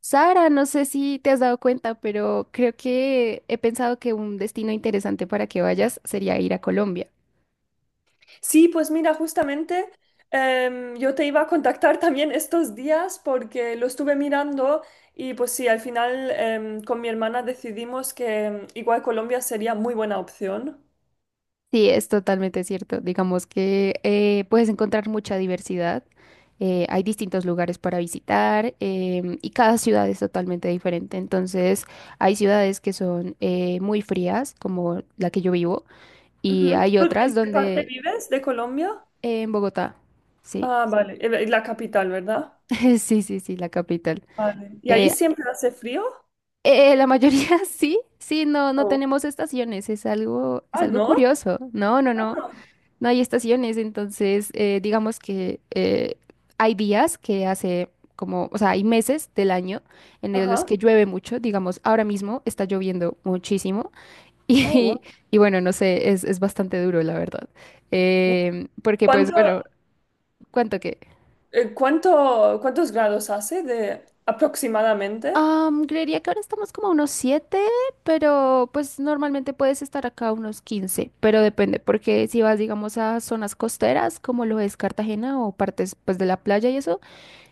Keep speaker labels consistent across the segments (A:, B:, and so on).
A: Sara, no sé si te has dado cuenta, pero creo que he pensado que un destino interesante para que vayas sería ir a Colombia.
B: Sí, pues mira, justamente yo te iba a contactar también estos días porque lo estuve mirando y pues sí, al final con mi hermana decidimos que igual Colombia sería muy buena opción.
A: Sí, es totalmente cierto. Digamos que puedes encontrar mucha diversidad. Hay distintos lugares para visitar, y cada ciudad es totalmente diferente. Entonces, hay ciudades que son muy frías, como la que yo vivo, y
B: Ujú.
A: hay
B: ¿Tú
A: otras
B: ¿en qué parte
A: donde
B: vives de Colombia?
A: en Bogotá. Sí,
B: Ah, vale, la capital, ¿verdad?
A: sí, sí, sí, la capital.
B: Vale. ¿Y ahí
A: Eh,
B: siempre hace frío?
A: La mayoría sí, sí, no, no
B: Oh.
A: tenemos estaciones, es
B: Ah,
A: algo
B: ¿no?
A: curioso. No, no, no, no hay estaciones, entonces digamos que hay días que hace como, o sea, hay meses del año
B: Ajá.
A: los que llueve mucho, digamos, ahora mismo está lloviendo muchísimo
B: Oh, wow.
A: y, y bueno, no sé, es bastante duro, la verdad.
B: Wow.
A: Porque pues
B: ¿Cuánto,
A: bueno, ¿cuánto que?
B: ¿cuántos grados hace de aproximadamente?
A: Am, creería que ahora estamos como a unos 7, pero pues normalmente puedes estar acá a unos 15, pero depende, porque si vas, digamos, a zonas costeras, como lo es Cartagena o partes pues de la playa y eso,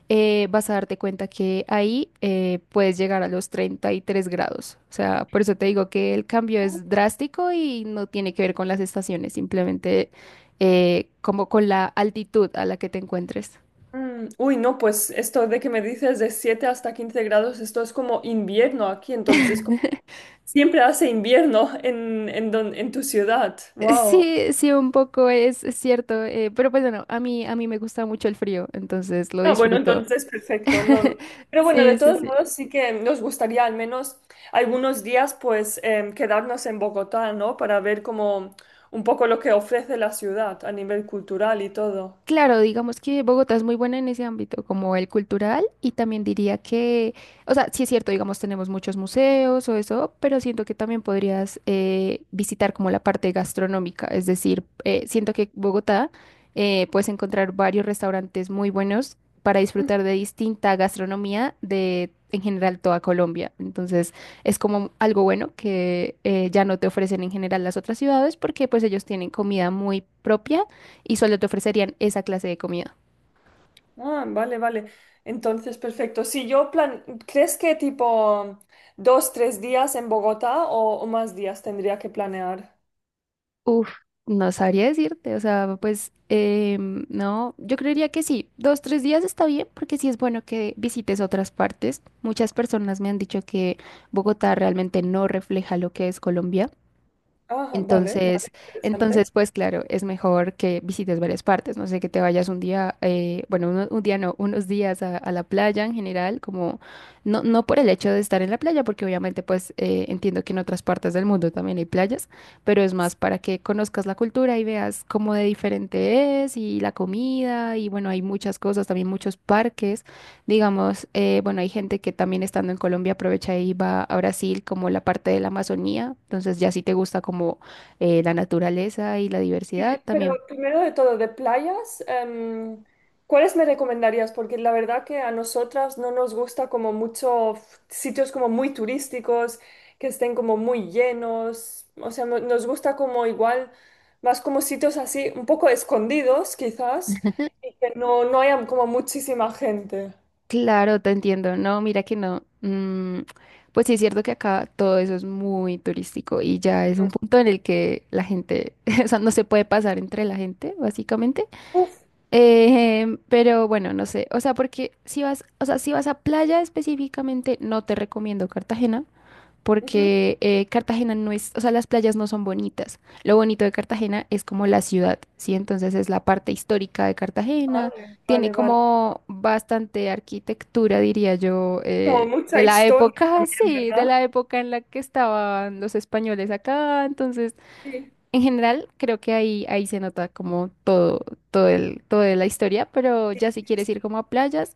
A: vas a darte cuenta que ahí puedes llegar a los 33 grados. O sea, por eso te digo que el cambio es drástico y no tiene que ver con las estaciones, simplemente como con la altitud a la que te encuentres.
B: Mm, uy, no, pues esto de que me dices de 7 hasta 15 grados, esto es como invierno aquí, entonces como siempre hace invierno en tu ciudad. Wow.
A: Sí, sí, un poco es cierto, pero pues bueno, a mí me gusta mucho el frío, entonces lo
B: Ah, bueno,
A: disfruto.
B: entonces perfecto, no, no. Pero bueno,
A: Sí,
B: de
A: sí,
B: todos
A: sí.
B: modos sí que nos gustaría al menos algunos días pues quedarnos en Bogotá, ¿no? Para ver como un poco lo que ofrece la ciudad a nivel cultural y todo.
A: Claro, digamos que Bogotá es muy buena en ese ámbito, como el cultural, y también diría que, o sea, sí es cierto, digamos, tenemos muchos museos o eso, pero siento que también podrías visitar como la parte gastronómica, es decir, siento que Bogotá puedes encontrar varios restaurantes muy buenos para disfrutar de distinta gastronomía de, en general, toda Colombia. Entonces, es como algo bueno que ya no te ofrecen en general las otras ciudades porque pues ellos tienen comida muy propia y solo te ofrecerían esa clase de comida.
B: Ah, vale, vale. Entonces, perfecto. Si yo plan, ¿crees que tipo 2, 3 días en Bogotá o más días tendría que planear?
A: Uf, no sabría decirte, o sea, pues no, yo creería que sí, dos, tres días está bien, porque sí es bueno que visites otras partes. Muchas personas me han dicho que Bogotá realmente no refleja lo que es Colombia.
B: Ah, vale, vale,
A: Entonces,
B: interesante.
A: entonces, pues claro, es mejor que visites varias partes, no sé, que te vayas un día, bueno, día no, unos días a la playa en general, como no, no por el hecho de estar en la playa, porque obviamente pues entiendo que en otras partes del mundo también hay playas, pero es más para que conozcas la cultura y veas cómo de diferente es y la comida y bueno, hay muchas cosas, también muchos parques, digamos, bueno, hay gente que también estando en Colombia aprovecha y va a Brasil como la parte de la Amazonía, entonces ya si te gusta como la naturaleza y la diversidad
B: Pero
A: también.
B: primero de todo, de playas, ¿cuáles me recomendarías? Porque la verdad que a nosotras no nos gusta como mucho sitios como muy turísticos, que estén como muy llenos, o sea, nos gusta como igual, más como sitios así, un poco escondidos quizás, y que no, no haya como muchísima gente.
A: Claro, te entiendo. No, mira que no. Mm, pues sí es cierto que acá todo eso es muy turístico y ya es un
B: Mm.
A: punto en el que la gente, o sea, no se puede pasar entre la gente, básicamente.
B: Uf,
A: Pero bueno, no sé. O sea, porque si vas, o sea, si vas a playa específicamente, no te recomiendo Cartagena
B: ujú,
A: porque Cartagena no es, o sea, las playas no son bonitas. Lo bonito de Cartagena es como la ciudad, ¿sí? Entonces es la parte histórica de Cartagena,
B: vale,
A: tiene
B: vale, vale.
A: como bastante arquitectura, diría yo,
B: Como
A: de
B: mucha
A: la
B: historia
A: época,
B: también,
A: sí, de
B: ¿verdad?
A: la época en la que estaban los españoles acá. Entonces,
B: Sí.
A: en general, creo que ahí, ahí se nota como todo, todo el, toda la historia, pero ya si quieres ir como a playas,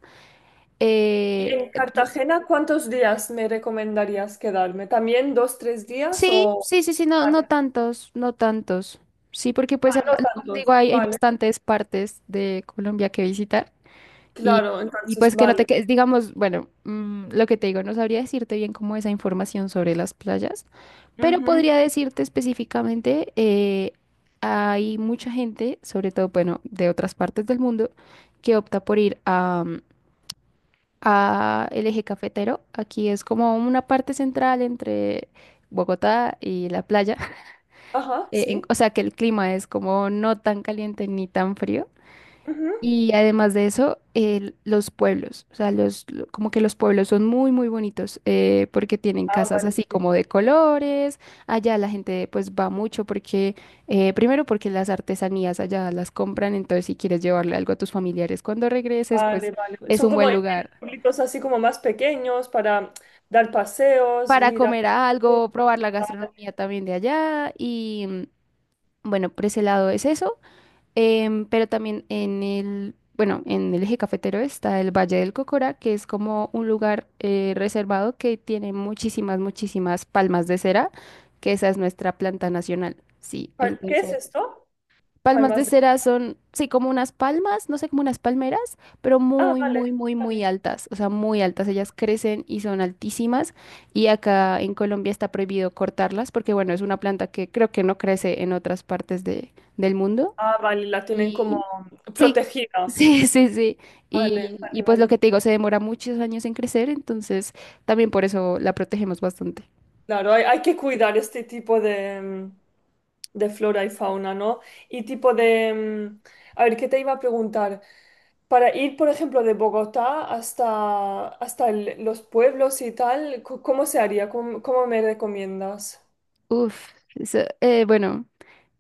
A: eh,
B: En Cartagena, ¿cuántos días me recomendarías quedarme? ¿También 2, 3 días
A: sí,
B: o...?
A: sí, sí, sí, no, no
B: Vale,
A: tantos, no tantos. Sí, porque
B: ah,
A: pues, ah,
B: no
A: como te
B: tantos,
A: digo, hay
B: vale.
A: bastantes partes de Colombia que visitar y,
B: Claro,
A: y
B: entonces,
A: pues que no te
B: vale.
A: quedes, digamos, bueno, mm, lo que te digo, no sabría decirte bien como esa información sobre las playas, pero
B: Ujú.
A: podría decirte específicamente, hay mucha gente, sobre todo, bueno, de otras partes del mundo, que opta por ir a, mm, a el eje cafetero. Aquí es como una parte central entre Bogotá y la playa
B: Ajá, sí.
A: o sea, que el clima es como no tan caliente ni tan frío.
B: Ujú.
A: Y además de eso, los pueblos, o sea, los, como que los pueblos son muy, muy bonitos porque tienen
B: Ah,
A: casas
B: vale,
A: así
B: pues,
A: como de colores. Allá la gente pues va mucho porque, primero porque las artesanías allá las compran, entonces si quieres llevarle algo a tus familiares cuando regreses,
B: vale,
A: pues
B: vale.
A: es
B: Son
A: un
B: como
A: buen lugar
B: tienen pueblitos así como más pequeños para dar paseos,
A: para
B: mirar.
A: comer algo, probar la
B: Vale.
A: gastronomía también de allá. Y mm, bueno, por ese lado es eso. Pero también en el, bueno, en el eje cafetero está el Valle del Cocora, que es como un lugar reservado que tiene muchísimas, muchísimas palmas de cera, que esa es nuestra planta nacional. Sí,
B: ¿Qué es
A: entonces,
B: esto?
A: palmas de
B: Palmas de...
A: cera son, sí, como unas palmas, no sé, como unas palmeras, pero
B: Ah,
A: muy,
B: vale,
A: muy, muy, muy
B: vale.
A: altas, o sea, muy altas. Ellas crecen y son altísimas y acá en Colombia está prohibido cortarlas porque, bueno, es una planta que creo que no crece en otras partes de, del mundo.
B: Ah, vale, la tienen como
A: Y, sí,
B: protegida.
A: sí, sí, sí.
B: Vale,
A: Y
B: vale,
A: pues lo
B: vale.
A: que te digo, se demora muchos años en crecer, entonces también por eso la protegemos bastante.
B: Claro, hay que cuidar este tipo de, mm, de flora y fauna, ¿no? Y tipo de... mm, a ver, ¿qué te iba a preguntar? Para ir, por ejemplo, de Bogotá hasta, los pueblos y tal, ¿cómo se haría? ¿Cómo, cómo me recomiendas?
A: Uf, eso, bueno,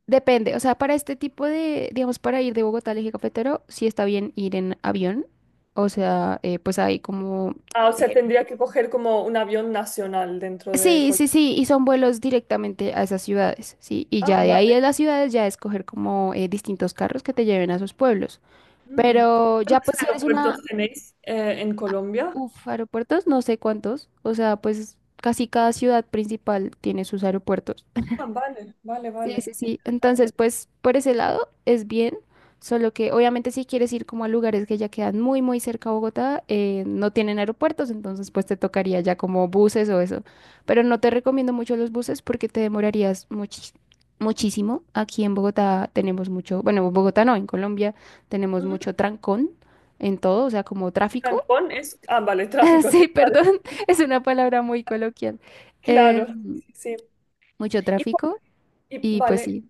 A: depende. O sea, para este tipo de, digamos, para ir de Bogotá al eje cafetero, sí está bien ir en avión. O sea, pues hay como...
B: Ah, o sea,
A: eh,
B: tendría que coger como un avión nacional dentro de
A: sí, sí,
B: Colombia.
A: sí, y son vuelos directamente a esas ciudades, ¿sí? Y
B: Ah,
A: ya de ahí
B: vale.
A: a las ciudades ya escoger como distintos carros que te lleven a sus pueblos.
B: Mm.
A: Pero ya
B: ¿Cuántos
A: pues si eres una
B: aeropuertos tenéis en Colombia?
A: uf, aeropuertos, no sé cuántos. O sea, pues casi cada ciudad principal tiene sus aeropuertos.
B: Ah, vale, vale,
A: Sí,
B: vale.
A: sí, sí. Entonces,
B: Interesante.
A: pues por ese lado es bien. Solo que obviamente si quieres ir como a lugares que ya quedan muy, muy cerca a Bogotá, no tienen aeropuertos, entonces pues te tocaría ya como buses o eso. Pero no te recomiendo mucho los buses porque te demorarías muchísimo. Aquí en Bogotá tenemos mucho, bueno, en Bogotá no, en Colombia tenemos mucho trancón en todo, o sea, como tráfico.
B: Cancún es. Ah, vale, tráfico.
A: Sí,
B: Vale,
A: perdón, es una palabra muy coloquial. Eh,
B: claro, sí. Sí.
A: Mucho
B: Y por,
A: tráfico y pues
B: vale.
A: sí.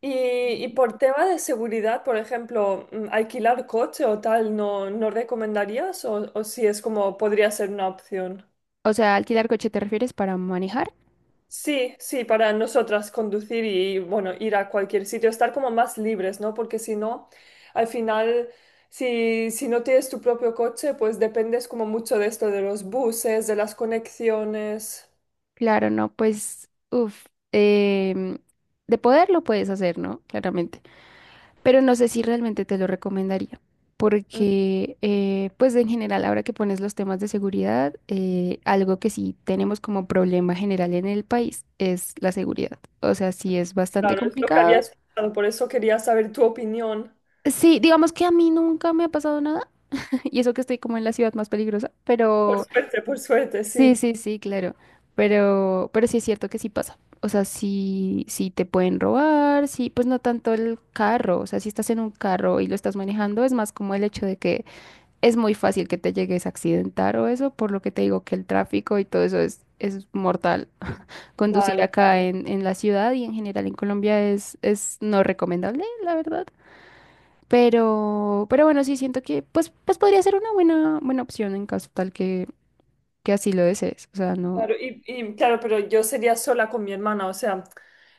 B: Y, y por tema de seguridad, por ejemplo, mm, alquilar coche o tal, ¿no, no recomendarías? O si es como podría ser una opción.
A: O sea, alquilar coche te refieres para manejar.
B: Sí, sí, para nosotras conducir y, bueno, ir a cualquier sitio, estar como más libres, ¿no? Porque si no, al final, si no tienes tu propio coche, pues dependes como mucho de esto, de los buses, de las conexiones.
A: Claro, no, pues, uff, de poder lo puedes hacer, ¿no? Claramente. Pero no sé si realmente te lo recomendaría. Porque, pues en general, ahora que pones los temas de seguridad, algo que sí tenemos como problema general en el país es la seguridad. O sea, sí es bastante
B: Claro, es lo que
A: complicado.
B: habías pensado, por eso quería saber tu opinión.
A: Sí, digamos que a mí nunca me ha pasado nada y eso que estoy como en la ciudad más peligrosa, pero
B: Por suerte,
A: sí,
B: sí.
A: sí, sí, claro. Pero sí es cierto que sí pasa. O sea, sí, sí te pueden robar, sí, pues no tanto el carro. O sea, si estás en un carro y lo estás manejando, es más como el hecho de que es muy fácil que te llegues a accidentar o eso, por lo que te digo que el tráfico y todo eso es mortal. Conducir
B: Vale,
A: acá
B: vale.
A: en la ciudad y en general en Colombia es no recomendable, la verdad. Pero bueno, sí siento que pues, pues podría ser una buena, buena opción en caso tal que así lo desees. O sea, no.
B: Claro, y, claro, pero yo sería sola con mi hermana, o sea,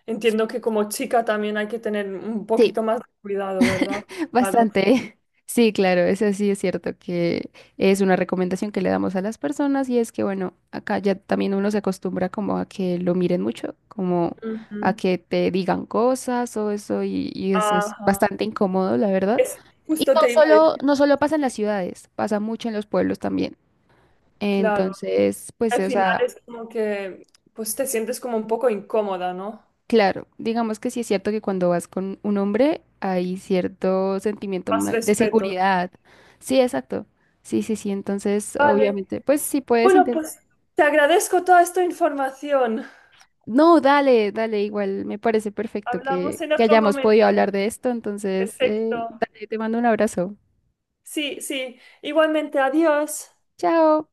B: entiendo que como chica también hay que tener un
A: Sí,
B: poquito más de cuidado, ¿verdad? Claro.
A: bastante. Sí, claro, eso sí es cierto que es una recomendación que le damos a las personas y es que, bueno, acá ya también uno se acostumbra como a que lo miren mucho, como a
B: Ujú.
A: que te digan cosas o eso y eso es
B: Ajá.
A: bastante incómodo, la verdad.
B: Es,
A: Y
B: justo
A: no
B: te iba a
A: solo,
B: decir,
A: no solo pasa en las ciudades, pasa mucho en los pueblos también.
B: claro.
A: Entonces, pues,
B: Al
A: o
B: final
A: sea,
B: es como que, pues te sientes como un poco incómoda, ¿no?
A: claro, digamos que sí es cierto que cuando vas con un hombre hay cierto sentimiento
B: Más
A: de
B: respeto.
A: seguridad. Sí, exacto. Sí, sí, sí. Entonces,
B: Vale.
A: obviamente, pues sí puedes
B: Bueno,
A: intentar.
B: pues te agradezco toda esta información.
A: No, dale, dale, igual me parece perfecto
B: Hablamos en
A: que
B: otro
A: hayamos podido
B: momento.
A: hablar de esto. Entonces,
B: Perfecto.
A: dale, te mando un abrazo.
B: Sí, sí. Igualmente, adiós.
A: Chao.